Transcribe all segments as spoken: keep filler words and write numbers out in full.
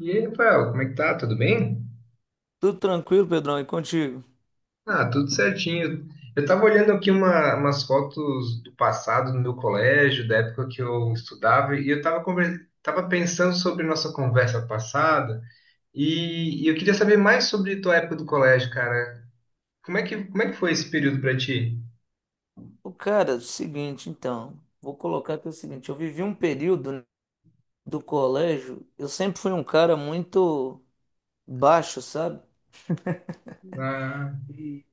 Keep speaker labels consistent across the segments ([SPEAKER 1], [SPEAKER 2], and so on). [SPEAKER 1] E aí, Rafael, como é que tá? Tudo bem?
[SPEAKER 2] Tudo tranquilo, Pedrão, e contigo?
[SPEAKER 1] Ah, tudo certinho. Eu tava olhando aqui uma- umas fotos do passado no meu colégio, da época que eu estudava, e eu tava, conver- tava pensando sobre nossa conversa passada, e, e eu queria saber mais sobre tua época do colégio, cara. Como é que, como é que foi esse período pra ti?
[SPEAKER 2] O cara, seguinte, então, vou colocar aqui o seguinte, eu vivi um período, né, do colégio. Eu sempre fui um cara muito baixo, sabe?
[SPEAKER 1] Ah,
[SPEAKER 2] E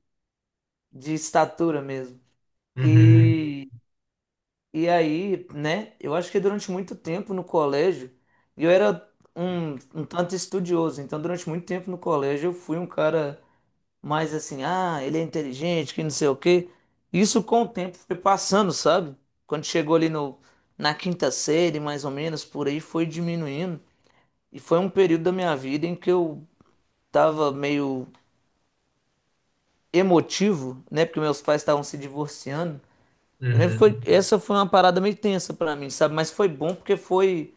[SPEAKER 2] De estatura mesmo.
[SPEAKER 1] uhum,
[SPEAKER 2] E, e aí, né, eu acho que durante muito tempo no colégio eu era um, um tanto estudioso. Então durante muito tempo no colégio eu fui um cara... Mas assim, ah, ele é inteligente, que não sei o quê. Isso com o tempo foi passando, sabe? Quando chegou ali no, na quinta série, mais ou menos, por aí, foi diminuindo. E foi um período da minha vida em que eu tava meio emotivo, né? Porque meus pais estavam se divorciando. Eu lembro que
[SPEAKER 1] uhum,
[SPEAKER 2] foi... essa foi uma parada meio tensa pra mim, sabe? Mas foi bom porque foi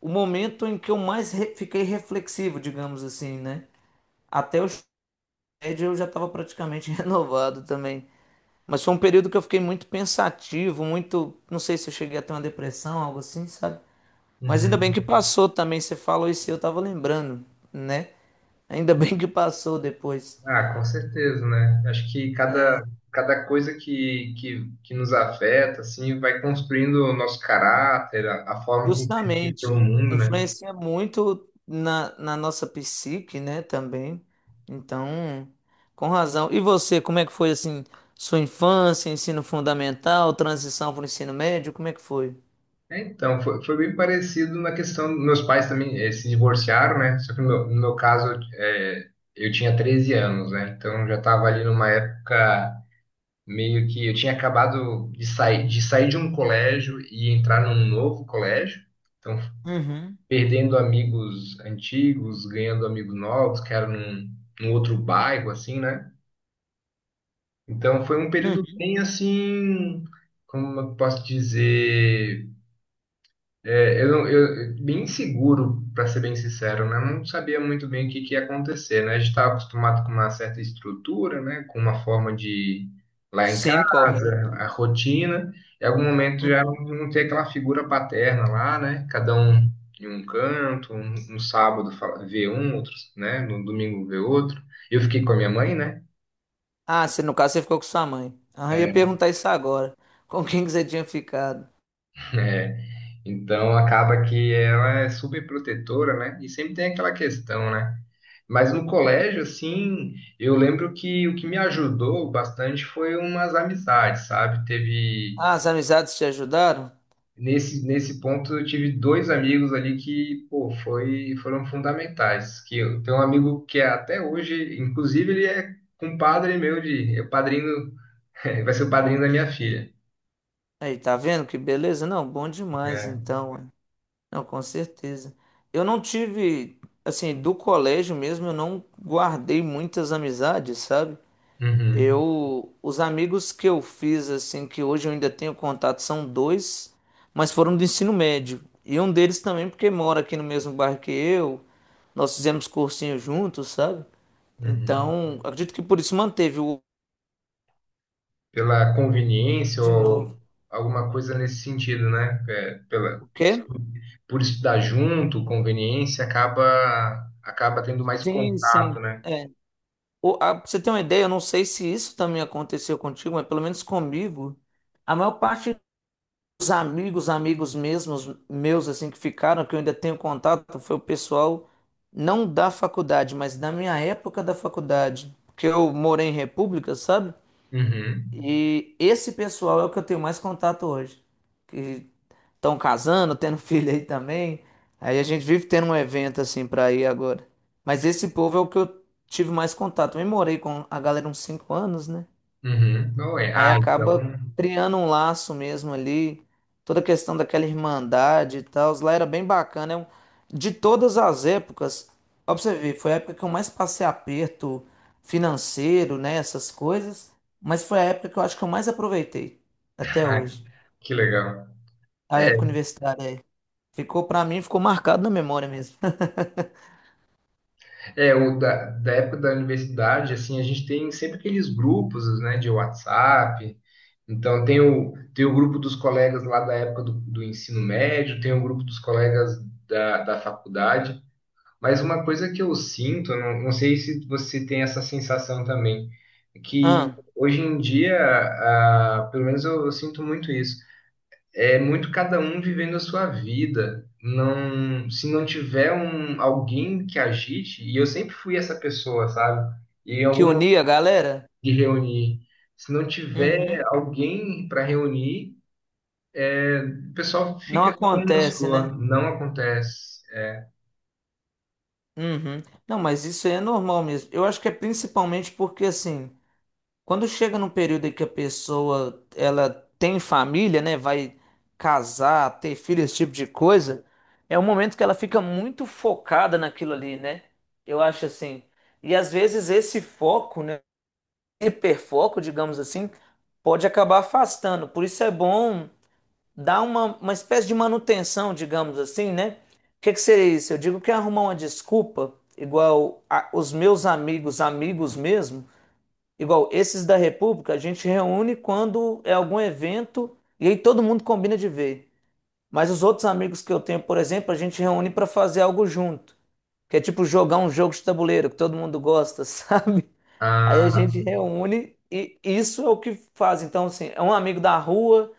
[SPEAKER 2] o momento em que eu mais re- fiquei reflexivo, digamos assim, né? Até o ensino médio eu já tava praticamente renovado também. Mas foi um período que eu fiquei muito pensativo, muito. Não sei se eu cheguei a ter uma depressão, algo assim, sabe? Mas ainda bem
[SPEAKER 1] uhum.
[SPEAKER 2] que passou também. Você falou isso e eu tava lembrando, né? Ainda bem que passou depois.
[SPEAKER 1] Ah, com certeza, né? Acho que cada, cada coisa que, que, que nos afeta, assim, vai construindo o nosso caráter, a, a forma como a gente vê o
[SPEAKER 2] Justamente,
[SPEAKER 1] mundo, né?
[SPEAKER 2] influencia muito na, na nossa psique, né? Também. Então, com razão. E você, como é que foi assim? Sua infância, ensino fundamental, transição para o ensino médio, como é que foi?
[SPEAKER 1] É, então, foi, foi bem parecido na questão, meus pais também eh, se divorciaram, né? Só que no meu, no meu caso, eh, eu tinha treze anos, né? Então, já estava ali numa época meio que eu tinha acabado de sair, de sair de um colégio e entrar num novo colégio. Então,
[SPEAKER 2] Uhum,
[SPEAKER 1] perdendo amigos antigos, ganhando amigos novos, que eram num, num outro bairro, assim, né? Então foi um período
[SPEAKER 2] uhum.
[SPEAKER 1] bem assim, como eu posso dizer, é, eu, não- eu bem seguro, para ser bem sincero, né? Eu não sabia muito bem o que, que ia acontecer, né? A gente estava acostumado com uma certa estrutura, né? Com uma forma de lá em
[SPEAKER 2] Sim, correto.
[SPEAKER 1] casa, a rotina. Em algum momento já não,
[SPEAKER 2] Uhum.
[SPEAKER 1] não tem aquela figura paterna lá, né? Cada um em um canto, um, no sábado fala- vê um, outro, né? No domingo vê outro. Eu fiquei com a minha mãe, né?
[SPEAKER 2] Ah, você, no caso você ficou com sua mãe. Ah, eu ia
[SPEAKER 1] É,
[SPEAKER 2] perguntar isso agora. Com quem que você tinha ficado?
[SPEAKER 1] é, Então acaba que ela é super protetora, né? E sempre tem aquela questão, né? Mas no colégio, assim, eu lembro que o que me ajudou bastante foi umas amizades, sabe? Teve
[SPEAKER 2] Ah, as amizades te ajudaram?
[SPEAKER 1] nesse nesse ponto eu tive dois amigos ali que, pô, foi foram fundamentais. Que eu tenho um amigo que é até hoje, inclusive ele é compadre meu de, é o padrinho, vai ser o padrinho da minha filha.
[SPEAKER 2] Aí, tá vendo que beleza? Não, bom demais
[SPEAKER 1] É.
[SPEAKER 2] então. Ué. Não, com certeza. Eu não tive, assim, do colégio mesmo, eu não guardei muitas amizades, sabe?
[SPEAKER 1] Uhum,
[SPEAKER 2] Eu, os amigos que eu fiz, assim, que hoje eu ainda tenho contato, são dois, mas foram do ensino médio. E um deles também, porque mora aqui no mesmo bairro que eu, nós fizemos cursinho juntos, sabe?
[SPEAKER 1] uhum.
[SPEAKER 2] Então, acredito que por isso manteve o
[SPEAKER 1] Pela conveniência
[SPEAKER 2] de
[SPEAKER 1] ou
[SPEAKER 2] novo.
[SPEAKER 1] alguma coisa nesse sentido, né? É, pela,
[SPEAKER 2] O quê?
[SPEAKER 1] por estudar junto, conveniência, acaba acaba tendo mais
[SPEAKER 2] Sim, sim.
[SPEAKER 1] contato, né?
[SPEAKER 2] É. O- a- pra você ter uma ideia, eu não sei se isso também aconteceu contigo, mas pelo menos comigo, a maior parte dos amigos, amigos mesmos, meus, assim, que ficaram, que eu ainda tenho contato, foi o pessoal não da faculdade, mas da minha época da faculdade, porque eu morei em república, sabe?
[SPEAKER 1] Uhum,
[SPEAKER 2] E esse pessoal é o que eu tenho mais contato hoje. Que estão casando, tendo filho aí também. Aí a gente vive tendo um evento assim pra ir agora. Mas esse povo é o que eu tive mais contato. Eu morei com a galera uns cinco anos, né?
[SPEAKER 1] uhum. Não é.
[SPEAKER 2] Aí
[SPEAKER 1] Ah,
[SPEAKER 2] acaba
[SPEAKER 1] então.
[SPEAKER 2] criando um laço mesmo ali. Toda a questão daquela irmandade e tal. Lá era bem bacana. É um- De todas as épocas, ó pra você ver, foi a época que eu mais passei aperto financeiro, né? Essas coisas. Mas foi a época que eu acho que eu mais aproveitei até
[SPEAKER 1] Ah,
[SPEAKER 2] hoje.
[SPEAKER 1] que legal.
[SPEAKER 2] A
[SPEAKER 1] É,
[SPEAKER 2] época universitária. Ficou pra mim, ficou marcado na memória mesmo.
[SPEAKER 1] é o da da época da universidade, assim, a gente tem sempre aqueles grupos, né, de WhatsApp. Então, tem o, tem o grupo dos colegas lá da época do, do ensino médio, tem o grupo dos colegas da, da faculdade. Mas uma coisa que eu sinto, não, não sei se você tem essa sensação também, é que
[SPEAKER 2] Ah,
[SPEAKER 1] hoje em dia, ah, pelo menos eu, eu sinto muito isso, é muito cada um vivendo a sua vida. Não, se não tiver um, alguém que agite, e eu sempre fui essa pessoa, sabe? E em
[SPEAKER 2] que
[SPEAKER 1] algum momento
[SPEAKER 2] unia a galera?
[SPEAKER 1] de reunir, se não tiver
[SPEAKER 2] Uhum.
[SPEAKER 1] alguém para reunir, o pessoal
[SPEAKER 2] Não
[SPEAKER 1] fica com uma
[SPEAKER 2] acontece,
[SPEAKER 1] sua,
[SPEAKER 2] né?
[SPEAKER 1] não acontece.
[SPEAKER 2] Uhum. Não, mas isso aí é normal mesmo. Eu acho que é principalmente porque, assim, quando chega num período em que a pessoa, ela tem família, né? Vai casar, ter filho, esse tipo de coisa, é um momento que ela fica muito focada naquilo ali, né? Eu acho assim. E às vezes esse foco, né? Hiperfoco, digamos assim, pode acabar afastando. Por isso é bom dá uma, uma espécie de manutenção, digamos assim, né? O que que seria isso? Eu digo que é arrumar uma desculpa, igual a- os meus amigos, amigos mesmo, igual esses da República, a gente reúne quando é algum evento e aí todo mundo combina de ver. Mas os outros amigos que eu tenho, por exemplo, a gente reúne para fazer algo junto, que é tipo jogar um jogo de tabuleiro que todo mundo gosta, sabe? Aí a
[SPEAKER 1] Ah,
[SPEAKER 2] gente reúne e isso é o que faz. Então, assim, é um amigo da rua,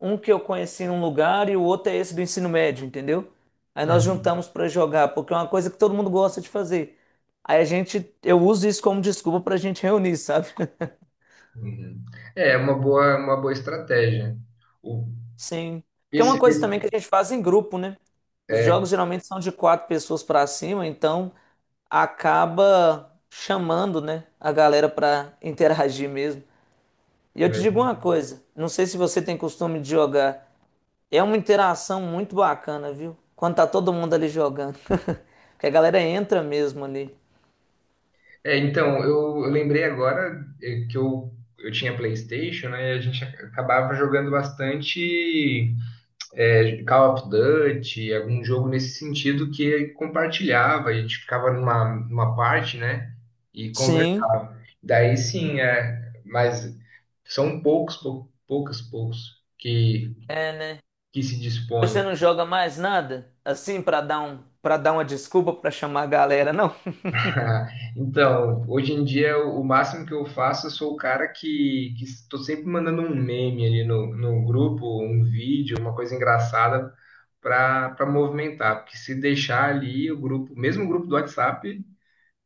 [SPEAKER 2] um que eu conheci em um lugar e o outro é esse do ensino médio, entendeu? Aí nós
[SPEAKER 1] uhum.
[SPEAKER 2] juntamos pra jogar, porque é uma coisa que todo mundo gosta de fazer. Aí a gente, eu uso isso como desculpa pra gente reunir, sabe?
[SPEAKER 1] Uhum. É é uma boa, uma boa estratégia. O,
[SPEAKER 2] Sim. Que é
[SPEAKER 1] esse,
[SPEAKER 2] uma coisa
[SPEAKER 1] esse-
[SPEAKER 2] também que a gente faz em grupo, né? Os
[SPEAKER 1] é,
[SPEAKER 2] jogos geralmente são de quatro pessoas pra cima, então acaba chamando, né, a galera pra interagir mesmo. E eu te
[SPEAKER 1] né?
[SPEAKER 2] digo uma coisa, não sei se você tem costume de jogar, é uma interação muito bacana, viu? Quando tá todo mundo ali jogando. Porque a galera entra mesmo ali.
[SPEAKER 1] É, então, eu, eu lembrei agora é, que eu, eu tinha PlayStation, né? E a gente ac- acabava jogando bastante é, Call of Duty, algum jogo nesse sentido que compartilhava, e a gente ficava numa, numa parte, né? E
[SPEAKER 2] Sim,
[SPEAKER 1] conversava. Daí sim, é, mas são poucos, pou, poucos, poucos que,
[SPEAKER 2] é, né?
[SPEAKER 1] que se dispõem.
[SPEAKER 2] Você não joga mais nada? Assim, pra dar um, para dar uma desculpa pra chamar a galera, não?
[SPEAKER 1] Ah, então, hoje em dia, o o máximo que eu faço, eu sou o cara que, que estou sempre mandando um meme ali no, no grupo, um vídeo, uma coisa engraçada para para movimentar. Porque se deixar ali o grupo, mesmo o grupo do WhatsApp,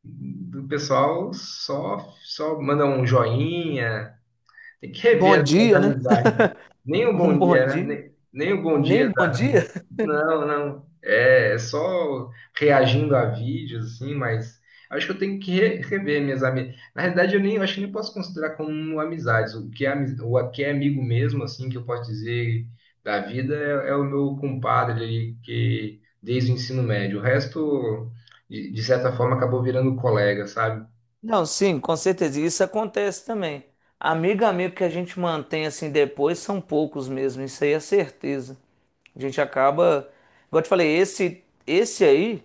[SPEAKER 1] do pessoal só, só manda um joinha. Tem que
[SPEAKER 2] Bom
[SPEAKER 1] rever as, as
[SPEAKER 2] dia, né?
[SPEAKER 1] amizades. Nem o
[SPEAKER 2] Um
[SPEAKER 1] bom
[SPEAKER 2] bom
[SPEAKER 1] dia, né?
[SPEAKER 2] dia.
[SPEAKER 1] Nem, nem o bom dia
[SPEAKER 2] Nem bom dia?
[SPEAKER 1] não, não. É é só reagindo a vídeos, assim, mas acho que eu tenho que re- rever minhas amizades. Na realidade, eu nem eu acho que nem posso considerar como amizades. O que é, ami- o que é amigo mesmo, assim, que eu posso dizer da vida é, é o meu compadre ali, que desde o ensino médio. O resto, de, de certa forma, acabou virando colega, sabe?
[SPEAKER 2] Não, sim, com certeza. E isso acontece também. Amigo, amigo que a gente mantém assim depois são poucos mesmo, isso aí é certeza. A gente acaba, igual eu te falei, esse esse aí,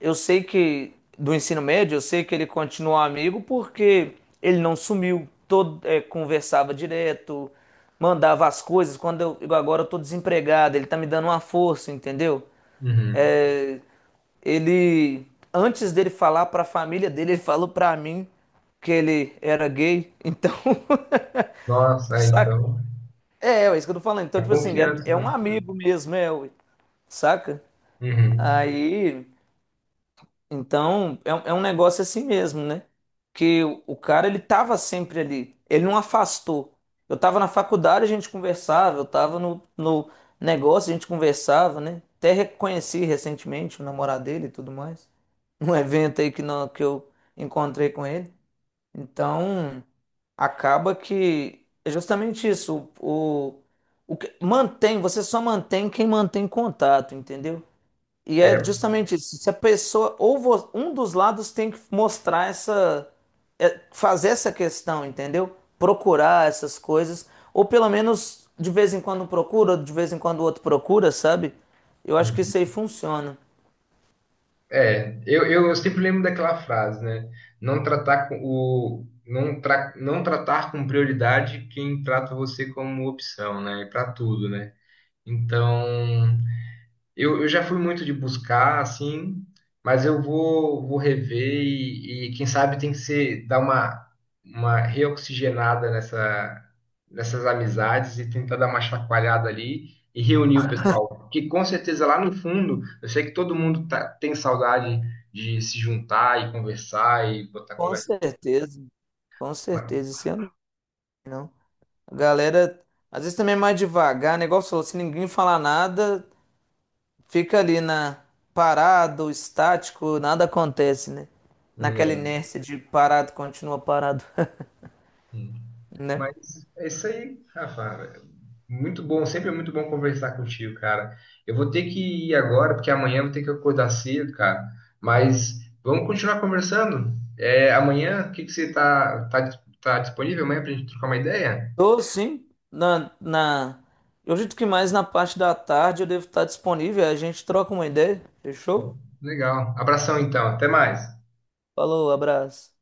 [SPEAKER 2] eu sei que do ensino médio, eu sei que ele continuou amigo porque ele não sumiu, todo é, conversava direto, mandava as coisas. Quando eu, igual agora eu tô desempregado, ele tá me dando uma força, entendeu?
[SPEAKER 1] Uhum.
[SPEAKER 2] É, ele, antes dele falar para a família dele, ele falou para mim que ele era gay. Então,
[SPEAKER 1] Nossa, é,
[SPEAKER 2] saca?
[SPEAKER 1] então,
[SPEAKER 2] É, é isso que eu tô falando. Então,
[SPEAKER 1] a
[SPEAKER 2] tipo assim, é,
[SPEAKER 1] confiança,
[SPEAKER 2] é um
[SPEAKER 1] né?
[SPEAKER 2] amigo mesmo, é, ué, saca?
[SPEAKER 1] Uhum.
[SPEAKER 2] Aí então, é, um- é um negócio assim mesmo, né? Que o, o cara, ele tava sempre ali. Ele não afastou. Eu tava na faculdade, a gente conversava. Eu tava no, no negócio, a gente conversava, né? Até reconheci recentemente o namorado dele e tudo mais. Num evento aí que, não, que eu encontrei com ele. Então, acaba que é justamente isso. O, o, o que mantém, você só mantém quem mantém contato, entendeu? E é
[SPEAKER 1] É.
[SPEAKER 2] justamente isso. Se a pessoa, ou vo- um dos lados tem que mostrar essa, é, fazer essa questão, entendeu? Procurar essas coisas, ou pelo menos de vez em quando um procura, de vez em quando o outro procura, sabe? Eu acho que isso aí funciona.
[SPEAKER 1] É, eu, eu sempre lembro daquela frase, né? Não tratar com o não, tra, não tratar com prioridade quem trata você como opção, né? Para tudo, né? Então, eu, eu já fui muito de buscar, assim, mas eu vou, vou rever e, e quem sabe tem que ser dar uma, uma reoxigenada nessa, nessas amizades e tentar dar uma chacoalhada ali e reunir o pessoal. Porque com certeza lá no fundo, eu sei que todo mundo tá, tem saudade de se juntar e conversar e botar
[SPEAKER 2] Com
[SPEAKER 1] conversa.
[SPEAKER 2] certeza, com certeza, isso eu não. A galera, às vezes também é mais devagar, negócio falou, se ninguém falar nada, fica ali na parado, estático, nada acontece, né? Naquela
[SPEAKER 1] Mano,
[SPEAKER 2] inércia de parado, continua parado, né?
[SPEAKER 1] mas é isso aí, Rafa. Muito bom, sempre é muito bom conversar contigo, cara. Eu vou ter que ir agora, porque amanhã eu vou ter que acordar cedo, cara. Mas vamos continuar conversando. É, amanhã, o que que você tá, tá, tá disponível amanhã pra gente trocar uma ideia?
[SPEAKER 2] Tô sim, na, na... Eu acredito que mais na parte da tarde eu devo estar disponível, a gente troca uma ideia,
[SPEAKER 1] Pô,
[SPEAKER 2] fechou?
[SPEAKER 1] legal. Abração então, até mais.
[SPEAKER 2] Falou, abraço.